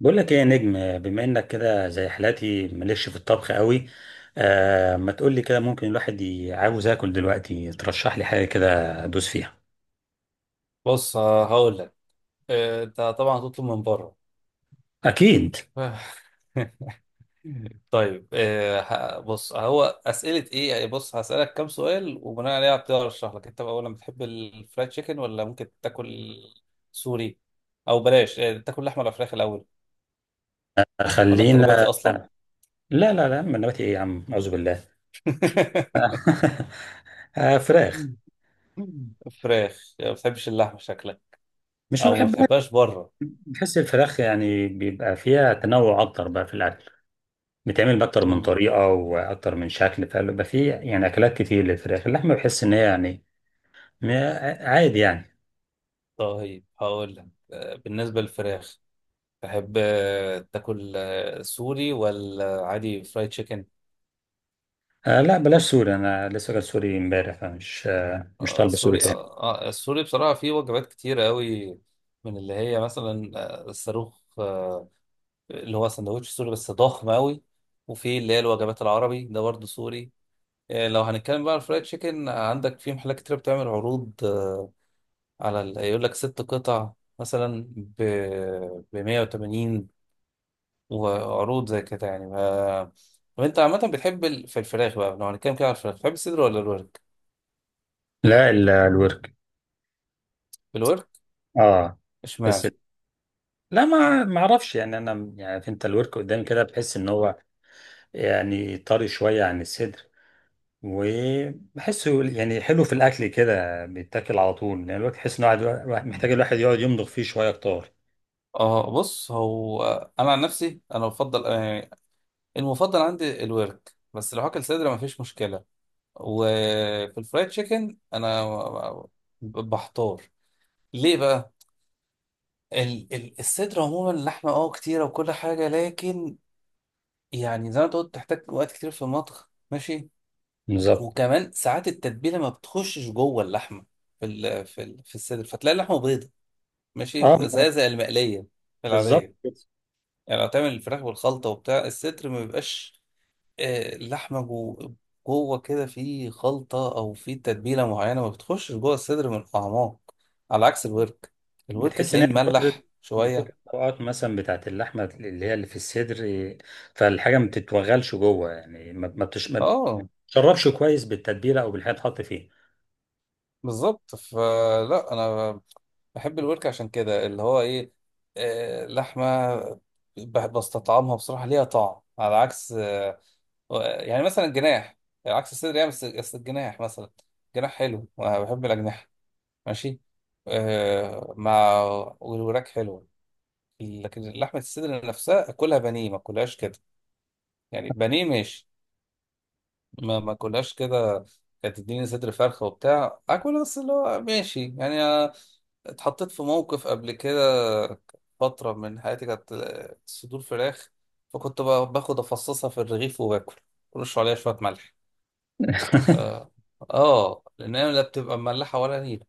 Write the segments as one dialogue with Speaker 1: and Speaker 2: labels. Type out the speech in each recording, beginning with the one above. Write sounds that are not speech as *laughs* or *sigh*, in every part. Speaker 1: بقول لك ايه يا نجم، بما انك كده زي حالاتي مالكش في الطبخ قوي. ما تقول لي كده، ممكن الواحد عاوز اكل دلوقتي، ترشح لي حاجه كده ادوس فيها.
Speaker 2: بص، هقول لك. انت طبعا هتطلب من بره.
Speaker 1: اكيد.
Speaker 2: *laughs* طيب، بص، هو اسئله ايه يعني. بص هسالك كام سؤال وبناء عليها هبتدي ارشح لك انت بقى. اولا، بتحب الفرايد تشيكن ولا ممكن تاكل سوري؟ او بلاش، تاكل لحمه ولا فراخ الاول، ولا انت نباتي
Speaker 1: خلينا.
Speaker 2: اصلا؟
Speaker 1: لا من نباتي ايه يا عم، اعوذ بالله.
Speaker 2: *laughs*
Speaker 1: *laughs* آه فراخ.
Speaker 2: فراخ. يعني ما بتحبش اللحمه شكلك،
Speaker 1: مش ما
Speaker 2: او ما
Speaker 1: بحبها.
Speaker 2: بتحبهاش بره؟
Speaker 1: بحس الفراخ يعني بيبقى فيها تنوع اكتر بقى في الاكل، بتعمل باكتر
Speaker 2: *laughs*
Speaker 1: من
Speaker 2: مم.
Speaker 1: طريقه واكتر من شكل، فبيبقى فيه يعني اكلات كتير للفراخ. اللحمه بحس ان هي يعني م- عادي يعني.
Speaker 2: طيب، هقول لك. بالنسبه للفراخ، تحب تاكل سوري ولا عادي فرايد تشيكن؟
Speaker 1: لا بلاش سوري، انا لسه جاي سوري امبارح، فمش مش طالبه سوري
Speaker 2: السوري.
Speaker 1: تاني.
Speaker 2: السوري بصراحة فيه وجبات كتير قوي، من اللي هي مثلا الصاروخ، اللي هو سندوتش سوري بس ضخم قوي. وفي اللي هي الوجبات العربي ده برضه سوري. لو هنتكلم بقى على الفرايد تشيكن، عندك في محلات كتير بتعمل عروض، على يقول لك ست قطع مثلا ب 180، وعروض زي كده يعني ما. طب انت عامة بتحب في الفراخ بقى، لو هنتكلم كده على الفراخ، بتحب الصدر ولا الورك؟
Speaker 1: لا الورك.
Speaker 2: الورك.
Speaker 1: اه. بس
Speaker 2: اشمعنى؟
Speaker 1: لا، ما اعرفش يعني، انا يعني عارف انت الورك قدامي كده بحس ان هو يعني طري شويه عن الصدر، وبحسه يعني حلو في الاكل كده، بيتاكل على طول، لان يعني الورك تحس ان الواحد محتاج الواحد يقعد يمضغ فيه شويه اكتر.
Speaker 2: اه، بص، هو انا عن نفسي انا بفضل، يعني المفضل عندي الورك، بس لو هاكل صدر مفيش مشكلة. وفي الفرايد تشيكن انا بحتار. ليه بقى؟ الصدر عموما لحمة، اه، كتيرة وكل حاجة، لكن يعني زي ما انت قلت تحتاج وقت كتير في المطبخ، ماشي.
Speaker 1: بالظبط.
Speaker 2: وكمان ساعات التتبيله ما بتخشش جوه اللحمه في الصدر، فتلاقي اللحمه بيضه، ماشي،
Speaker 1: اه.
Speaker 2: زي المقليه، في
Speaker 1: بالظبط.
Speaker 2: العاديه. يعني لو تعمل الفراخ بالخلطه وبتاع، الصدر ما بيبقاش اللحمه جوه كده في خلطه او في تتبيله معينه، ما بتخشش جوه الصدر من الاعماق، على عكس الورك. الورك
Speaker 1: بتحس ان
Speaker 2: تلاقيه
Speaker 1: هي من كتر،
Speaker 2: مملح
Speaker 1: من
Speaker 2: شويه.
Speaker 1: كتر الطبقات مثلا بتاعت اللحمه، اللي هي اللي في الصدر إيه، فالحاجه ما بتتوغلش جوه، يعني ما
Speaker 2: اه،
Speaker 1: بتشربش كويس بالتتبيله او بالحاجه تحط فيه.
Speaker 2: بالظبط. فلا، انا بحب الورك عشان كده اللي هو ايه، لحمه بستطعمها بصراحه، ليها طعم، على عكس يعني مثلا الجناح، عكس الصدر يعني. بس الجناح مثلا، جناح حلو وانا بحب الاجنحه، ماشي، مع، والوراك حلوه. لكن لحمه الصدر نفسها اكلها بانيه، ما اكلهاش كده. يعني بانيه ماشي، ما كلهاش كده. كانت تديني صدر فرخة وبتاع اكل، بس اللي هو ماشي يعني. اتحطيت في موقف قبل كده، فترة من حياتي كانت صدور فراخ. فكنت باخد افصصها في الرغيف وباكل، ورش عليها شوية ملح، اه. لان هي لا بتبقى مملحة ولا نيلة،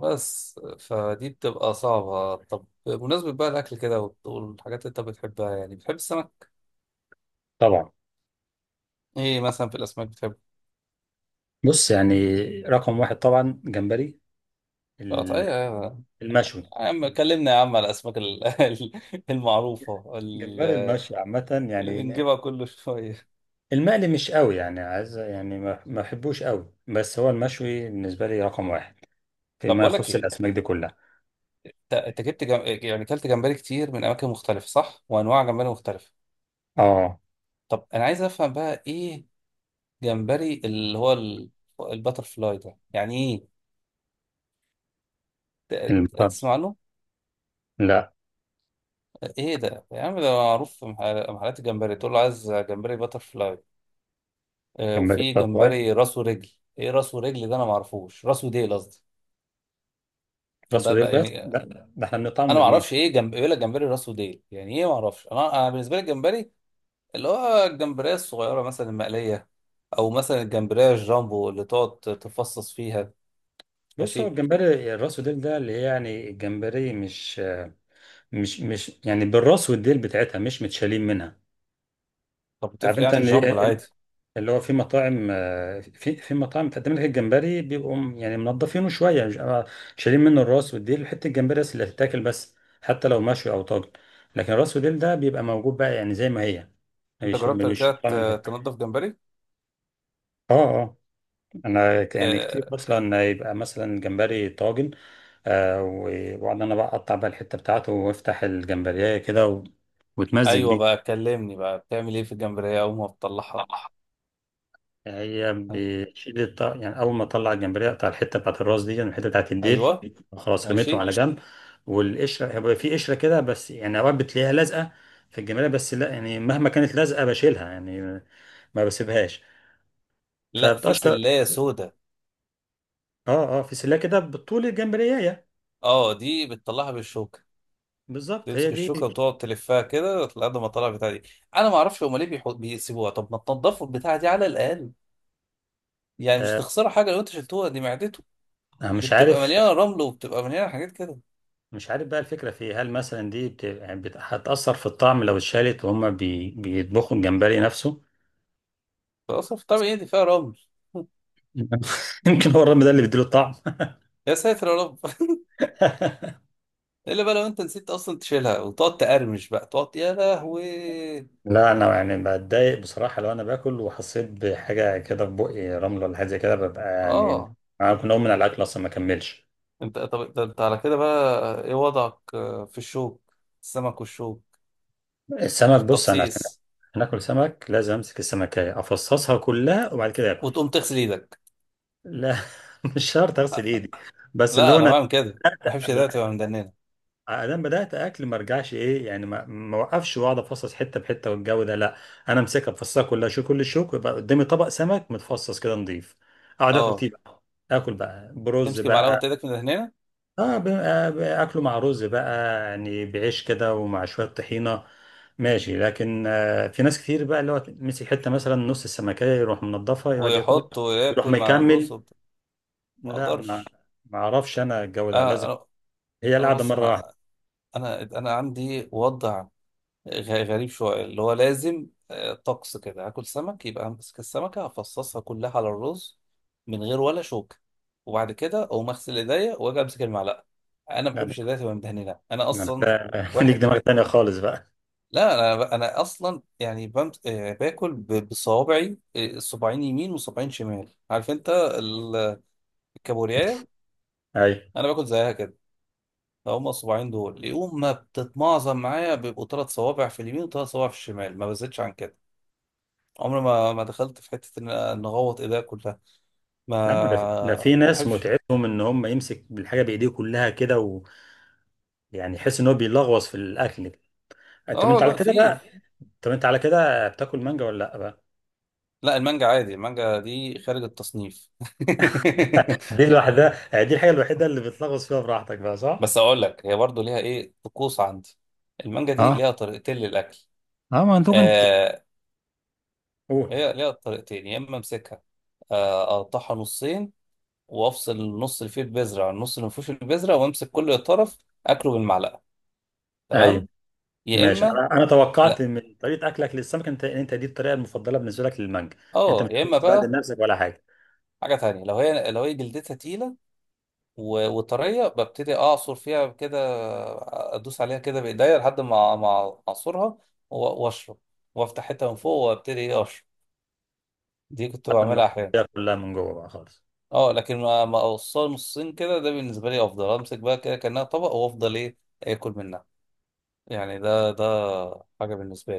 Speaker 2: بس فدي بتبقى صعبة. طب بمناسبة بقى الأكل كده والحاجات اللي أنت بتحبها، يعني بتحب السمك؟
Speaker 1: طبعا.
Speaker 2: إيه مثلا في الأسماك بتحب؟
Speaker 1: بص يعني، رقم واحد طبعا جمبري،
Speaker 2: طيب.
Speaker 1: ال- المشوي.
Speaker 2: يا عم كلمنا يا عم على الاسماك *laughs* المعروفه،
Speaker 1: جمبري المشوي عامه
Speaker 2: اللي
Speaker 1: يعني،
Speaker 2: بنجيبها كل شويه.
Speaker 1: المقلي مش قوي يعني، عايز يعني ما بحبوش قوي، بس هو المشوي بالنسبه لي رقم واحد
Speaker 2: طب
Speaker 1: فيما
Speaker 2: بقول لك
Speaker 1: يخص
Speaker 2: ايه،
Speaker 1: الاسماك دي كلها.
Speaker 2: انت جبت يعني كلت جمبري كتير من اماكن مختلفه، صح؟ وانواع جمبري مختلفه.
Speaker 1: اه.
Speaker 2: طب انا عايز افهم بقى، ايه جمبري اللي هو الباتر فلاي ده يعني ايه؟
Speaker 1: المطر.
Speaker 2: تسمع له؟
Speaker 1: لا.
Speaker 2: ايه ده يا عم؟ ده معروف في محلات الجمبري، تقول له عايز جمبري باتر فلاي.
Speaker 1: جمبري
Speaker 2: وفي
Speaker 1: التطوي.
Speaker 2: جمبري راس ورجل. ايه راس ورجل ده؟ انا ما اعرفوش. راس وديل قصدي،
Speaker 1: راس
Speaker 2: بقى
Speaker 1: وديل،
Speaker 2: بقى
Speaker 1: بس
Speaker 2: يعني.
Speaker 1: ده، ده احنا بنقطعه
Speaker 2: انا ما
Speaker 1: ونرميه.
Speaker 2: اعرفش، ايه جنب يقول لك جمبري راسه ديل يعني ايه؟ ما اعرفش. انا بالنسبه لي الجمبري اللي هو الجمبريه الصغيره مثلا المقليه، او مثلا الجمبريه الجامبو اللي تقعد تفصص فيها.
Speaker 1: بص، هو
Speaker 2: ماشي.
Speaker 1: الجمبري الراس وديل ده اللي هي يعني الجمبري مش يعني بالراس والديل بتاعتها مش متشالين منها.
Speaker 2: طب
Speaker 1: عارف
Speaker 2: بتفرق
Speaker 1: انت
Speaker 2: يعني
Speaker 1: ان
Speaker 2: الجامبو
Speaker 1: إيه،
Speaker 2: العادي.
Speaker 1: اللي هو في مطاعم، في في مطاعم بتقدم لك الجمبري بيبقوا يعني منضفينه شويه، مش شايلين منه الراس والديل، حته الجمبري بس اللي هتتاكل بس، حتى لو مشوي او طاجن. لكن الراس والديل ده بيبقى موجود بقى، يعني زي ما هي،
Speaker 2: انت
Speaker 1: مش
Speaker 2: جربت قبل
Speaker 1: مش
Speaker 2: كده
Speaker 1: قطع منها.
Speaker 2: تنضف جمبري؟
Speaker 1: اه. آه. انا يعني كتير
Speaker 2: آه
Speaker 1: مثلا يبقى مثلا جمبري طاجن، واقعد انا بقى اقطع بقى الحته بتاعته وافتح الجمبريه كده واتمزج
Speaker 2: ايوه بقى.
Speaker 1: بيه.
Speaker 2: كلمني بقى، بتعمل ايه في الجمبريه اول ما بتطلعها؟
Speaker 1: هي
Speaker 2: آه،
Speaker 1: بتشيل يعني اول ما اطلع الجمبريه اقطع الحته بتاعت الراس دي، يعني الحته بتاعت الديل،
Speaker 2: ايوه.
Speaker 1: خلاص رميتهم
Speaker 2: ماشي.
Speaker 1: على جنب. والقشره هيبقى في قشره كده، بس يعني اوقات بتلاقيها لازقه في الجمبريه، بس لا يعني مهما كانت لازقه بشيلها يعني، ما بسيبهاش،
Speaker 2: لا، في
Speaker 1: فبتقشر.
Speaker 2: سلايه سودا.
Speaker 1: اه اه، في سلة كده بطول الجمبريه.
Speaker 2: اه، دي بتطلعها بالشوكه.
Speaker 1: بالظبط، هي
Speaker 2: تمسك
Speaker 1: دي.
Speaker 2: الشوكه وتقعد تلفها كده لحد ما تطلع البتاع دي. انا ما اعرفش هما ليه بيسيبوها، طب ما تنضفوا البتاع دي على الاقل، يعني مش
Speaker 1: آه،
Speaker 2: هتخسروا حاجه لو انت شلتوها، دي معدته.
Speaker 1: أنا
Speaker 2: دي
Speaker 1: مش
Speaker 2: بتبقى
Speaker 1: عارف.
Speaker 2: مليانه رمل وبتبقى مليانه حاجات كده،
Speaker 1: مش عارف بقى الفكرة في إيه، هل مثلا دي بت... يعني بت... هتأثر في الطعم لو اتشالت وهما بي... بيطبخوا الجمبري نفسه.
Speaker 2: فاصلا في طبيعي دي فيها رمل. *laughs*
Speaker 1: *laughs* يمكن هو الرمل ده اللي بيديله الطعم.
Speaker 2: يا ساتر يا رب.
Speaker 1: *laughs*
Speaker 2: *laughs* الا بقى لو انت نسيت اصلا تشيلها وتقعد تقرمش بقى، تقعد يا لهوي.
Speaker 1: لا أنا يعني بتضايق بصراحة، لو أنا باكل وحسيت بحاجة كده في بقي رمل ولا حاجة زي كده، ببقى يعني
Speaker 2: اه.
Speaker 1: أنا ممكن أقوم من على الأكل أصلا ما أكملش.
Speaker 2: انت، طب ده انت على كده بقى، ايه وضعك في الشوك، السمك والشوك،
Speaker 1: السمك.
Speaker 2: في
Speaker 1: بص أنا عشان
Speaker 2: التفصيص؟
Speaker 1: هناكل سمك لازم أمسك السمكية أفصصها كلها وبعد كده آكل.
Speaker 2: وتقوم تغسل ايدك؟
Speaker 1: لا. *laughs* مش شرط أغسل إيدي، بس اللي
Speaker 2: لا،
Speaker 1: هو
Speaker 2: انا
Speaker 1: أنا،
Speaker 2: بعمل كده، ما بحبش ايدي تبقى مدننه.
Speaker 1: انا بدات اكل ما ارجعش ايه يعني، ما اوقفش واقعد افصص حته بحته والجو ده، لا. انا امسكها افصصها كلها، شو كل الشوك، يبقى قدامي طبق سمك متفصص كده نضيف، اقعد اكل
Speaker 2: اه.
Speaker 1: فيه بقى. اكل بقى برز
Speaker 2: تمسك معلقه
Speaker 1: بقى.
Speaker 2: وتدك من هنا،
Speaker 1: اه اكله مع رز بقى، يعني بعيش كده ومع شويه طحينه، ماشي. لكن في ناس كتير بقى اللي هو مسك حته مثلا نص السمكيه يروح منضفها يقعد ياكل،
Speaker 2: ويحط
Speaker 1: يروح
Speaker 2: وياكل مع الرز
Speaker 1: مكمل.
Speaker 2: وبتاع. ما
Speaker 1: لا ما
Speaker 2: اقدرش.
Speaker 1: ما اعرفش انا، الجو ده
Speaker 2: انا
Speaker 1: لازم
Speaker 2: انا
Speaker 1: هي
Speaker 2: أنا
Speaker 1: القعده
Speaker 2: بص،
Speaker 1: مره
Speaker 2: انا عندي وضع غريب شويه، اللي هو لازم طقس كده، هاكل سمك يبقى همسك السمكه افصصها كلها على الرز، من غير ولا شوكه، وبعد كده اقوم اغسل ايديا واجي امسك المعلقه. انا ما بحبش
Speaker 1: واحده.
Speaker 2: ايديا تبقى مدهنه انا
Speaker 1: ما انت
Speaker 2: اصلا.
Speaker 1: *laughs* ليك
Speaker 2: واحد.
Speaker 1: دماغ تانية خالص بقى.
Speaker 2: لا، انا اصلا يعني باكل بصوابعي، صباعين يمين وصباعين شمال، عارف انت؟ كابورياية.
Speaker 1: ايوه.
Speaker 2: انا باكل زيها كده. هما الصباعين دول يقوم ما بتتمعظم معايا، بيبقوا ثلاث صوابع في اليمين وثلاث صوابع في الشمال، ما بزيدش عن كده. عمري ما دخلت في حته ان اغوط ايديا كلها،
Speaker 1: لا ما ده في، ده
Speaker 2: ما
Speaker 1: في ناس
Speaker 2: بحبش.
Speaker 1: متعتهم ان هم يمسك بالحاجه بايديه كلها كده، ويعني يحس ان هو بيلغوص في الاكل. طب
Speaker 2: اه،
Speaker 1: انت على
Speaker 2: لا،
Speaker 1: كده بقى،
Speaker 2: في.
Speaker 1: طب انت على كده بتاكل مانجا ولا لا بقى؟
Speaker 2: لا، المانجا عادي، المانجا دي خارج التصنيف.
Speaker 1: دي *laughs* الوحده، يعني دي الحاجه الوحيده اللي بتلغوص فيها براحتك بقى،
Speaker 2: *laughs*
Speaker 1: صح؟
Speaker 2: بس اقول لك، هي برضو ليها ايه طقوس عندي. المانجا دي
Speaker 1: اه
Speaker 2: ليها طريقتين للاكل.
Speaker 1: اه، ما انت كنت،
Speaker 2: آه
Speaker 1: قول.
Speaker 2: هي ليها طريقتين. يا اما امسكها، اقطعها نصين، وافصل النص اللي فيه البذره عن النص اللي ما فيهوش البذره، وامسك كل طرف اكله بالمعلقه،
Speaker 1: ايوه،
Speaker 2: تمام. يا
Speaker 1: ماشي.
Speaker 2: اما،
Speaker 1: انا انا توقعت
Speaker 2: لا،
Speaker 1: من طريقه اكلك للسمك انت، انت دي الطريقه المفضله بالنسبه لك للمانجا. انت
Speaker 2: اه،
Speaker 1: مش
Speaker 2: يا
Speaker 1: حابب
Speaker 2: اما
Speaker 1: تبهدل
Speaker 2: بقى
Speaker 1: نفسك ولا حاجه،
Speaker 2: حاجه تانية، لو هي جلدتها تقيله وطريه، ببتدي اعصر فيها كده، ادوس عليها كده بايديا لحد ما اعصرها، و- واشرب، وافتح حته من فوق وابتدي ايه اشرب. دي كنت
Speaker 1: حتى لما
Speaker 2: بعملها احيانا.
Speaker 1: تاكلها كلها من جوه بقى خالص.
Speaker 2: اه، لكن ما اوصلها نصين كده، ده بالنسبه لي افضل. امسك بقى كده كانها طبق وافضل ايه اكل منها. يعني ده حاجه بالنسبه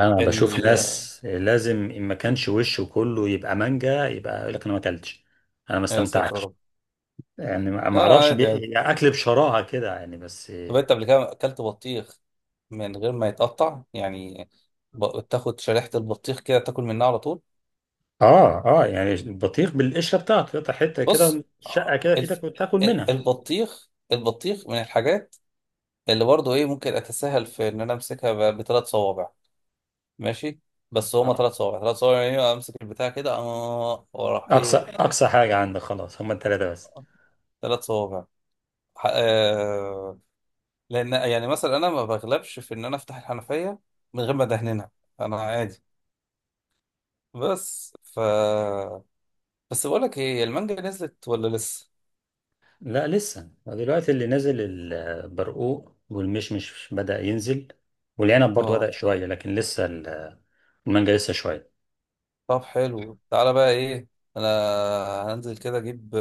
Speaker 1: انا بشوف ناس لازم ان ما كانش وشه كله يبقى مانجا يبقى يقول لك انا ما اكلتش، انا ما
Speaker 2: أيوة، يا ساتر يا
Speaker 1: استمتعتش.
Speaker 2: رب.
Speaker 1: يعني ما
Speaker 2: لا،
Speaker 1: ما اعرفش
Speaker 2: عادي عادي.
Speaker 1: يعني اكل بشراهه كده يعني، بس.
Speaker 2: طب انت قبل كده اكلت بطيخ من غير ما يتقطع يعني، تاخد شريحة البطيخ كده تاكل منها على طول؟
Speaker 1: اه اه، يعني البطيخ بالقشره بتاعته، تقطع حته كده
Speaker 2: بص،
Speaker 1: شقه كده في
Speaker 2: الف...
Speaker 1: ايدك وتاكل منها.
Speaker 2: البطيخ من الحاجات اللي برضه ايه ممكن اتساهل في ان انا امسكها بثلاث صوابع. ماشي. بس هما
Speaker 1: آه.
Speaker 2: ثلاث صوابع ثلاث صوابع يعني، امسك البتاع كده اه وراح
Speaker 1: اقصى
Speaker 2: ايه،
Speaker 1: اقصى حاجه عندك خلاص هما الثلاثه بس؟
Speaker 2: ثلاث صوابع. ح- آه... لان يعني مثلا انا ما بغلبش في ان انا افتح الحنفية من غير ما ادهنها، انا عادي. بس بس بقول لك ايه، المانجا نزلت ولا لسه؟
Speaker 1: لا لسه دلوقتي اللي نازل البرقوق والمشمش بدأ ينزل، والعنب برضو
Speaker 2: اه.
Speaker 1: بدأ شويه، لكن لسه المانجا لسه شويه.
Speaker 2: طب حلو، تعالى بقى ايه، انا هنزل كده اجيب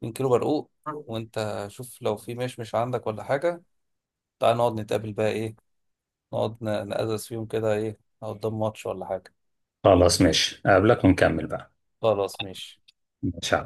Speaker 2: 2 كيلو برقوق، وانت شوف لو في مشمش عندك ولا حاجه. تعالى نقعد نتقابل بقى ايه، نقعد نقزز فيهم كده، ايه، نقعد قدام ماتش ولا حاجه.
Speaker 1: خلاص ماشي، اقابلك ونكمل بقى.
Speaker 2: خلاص ماشي.
Speaker 1: ماشي.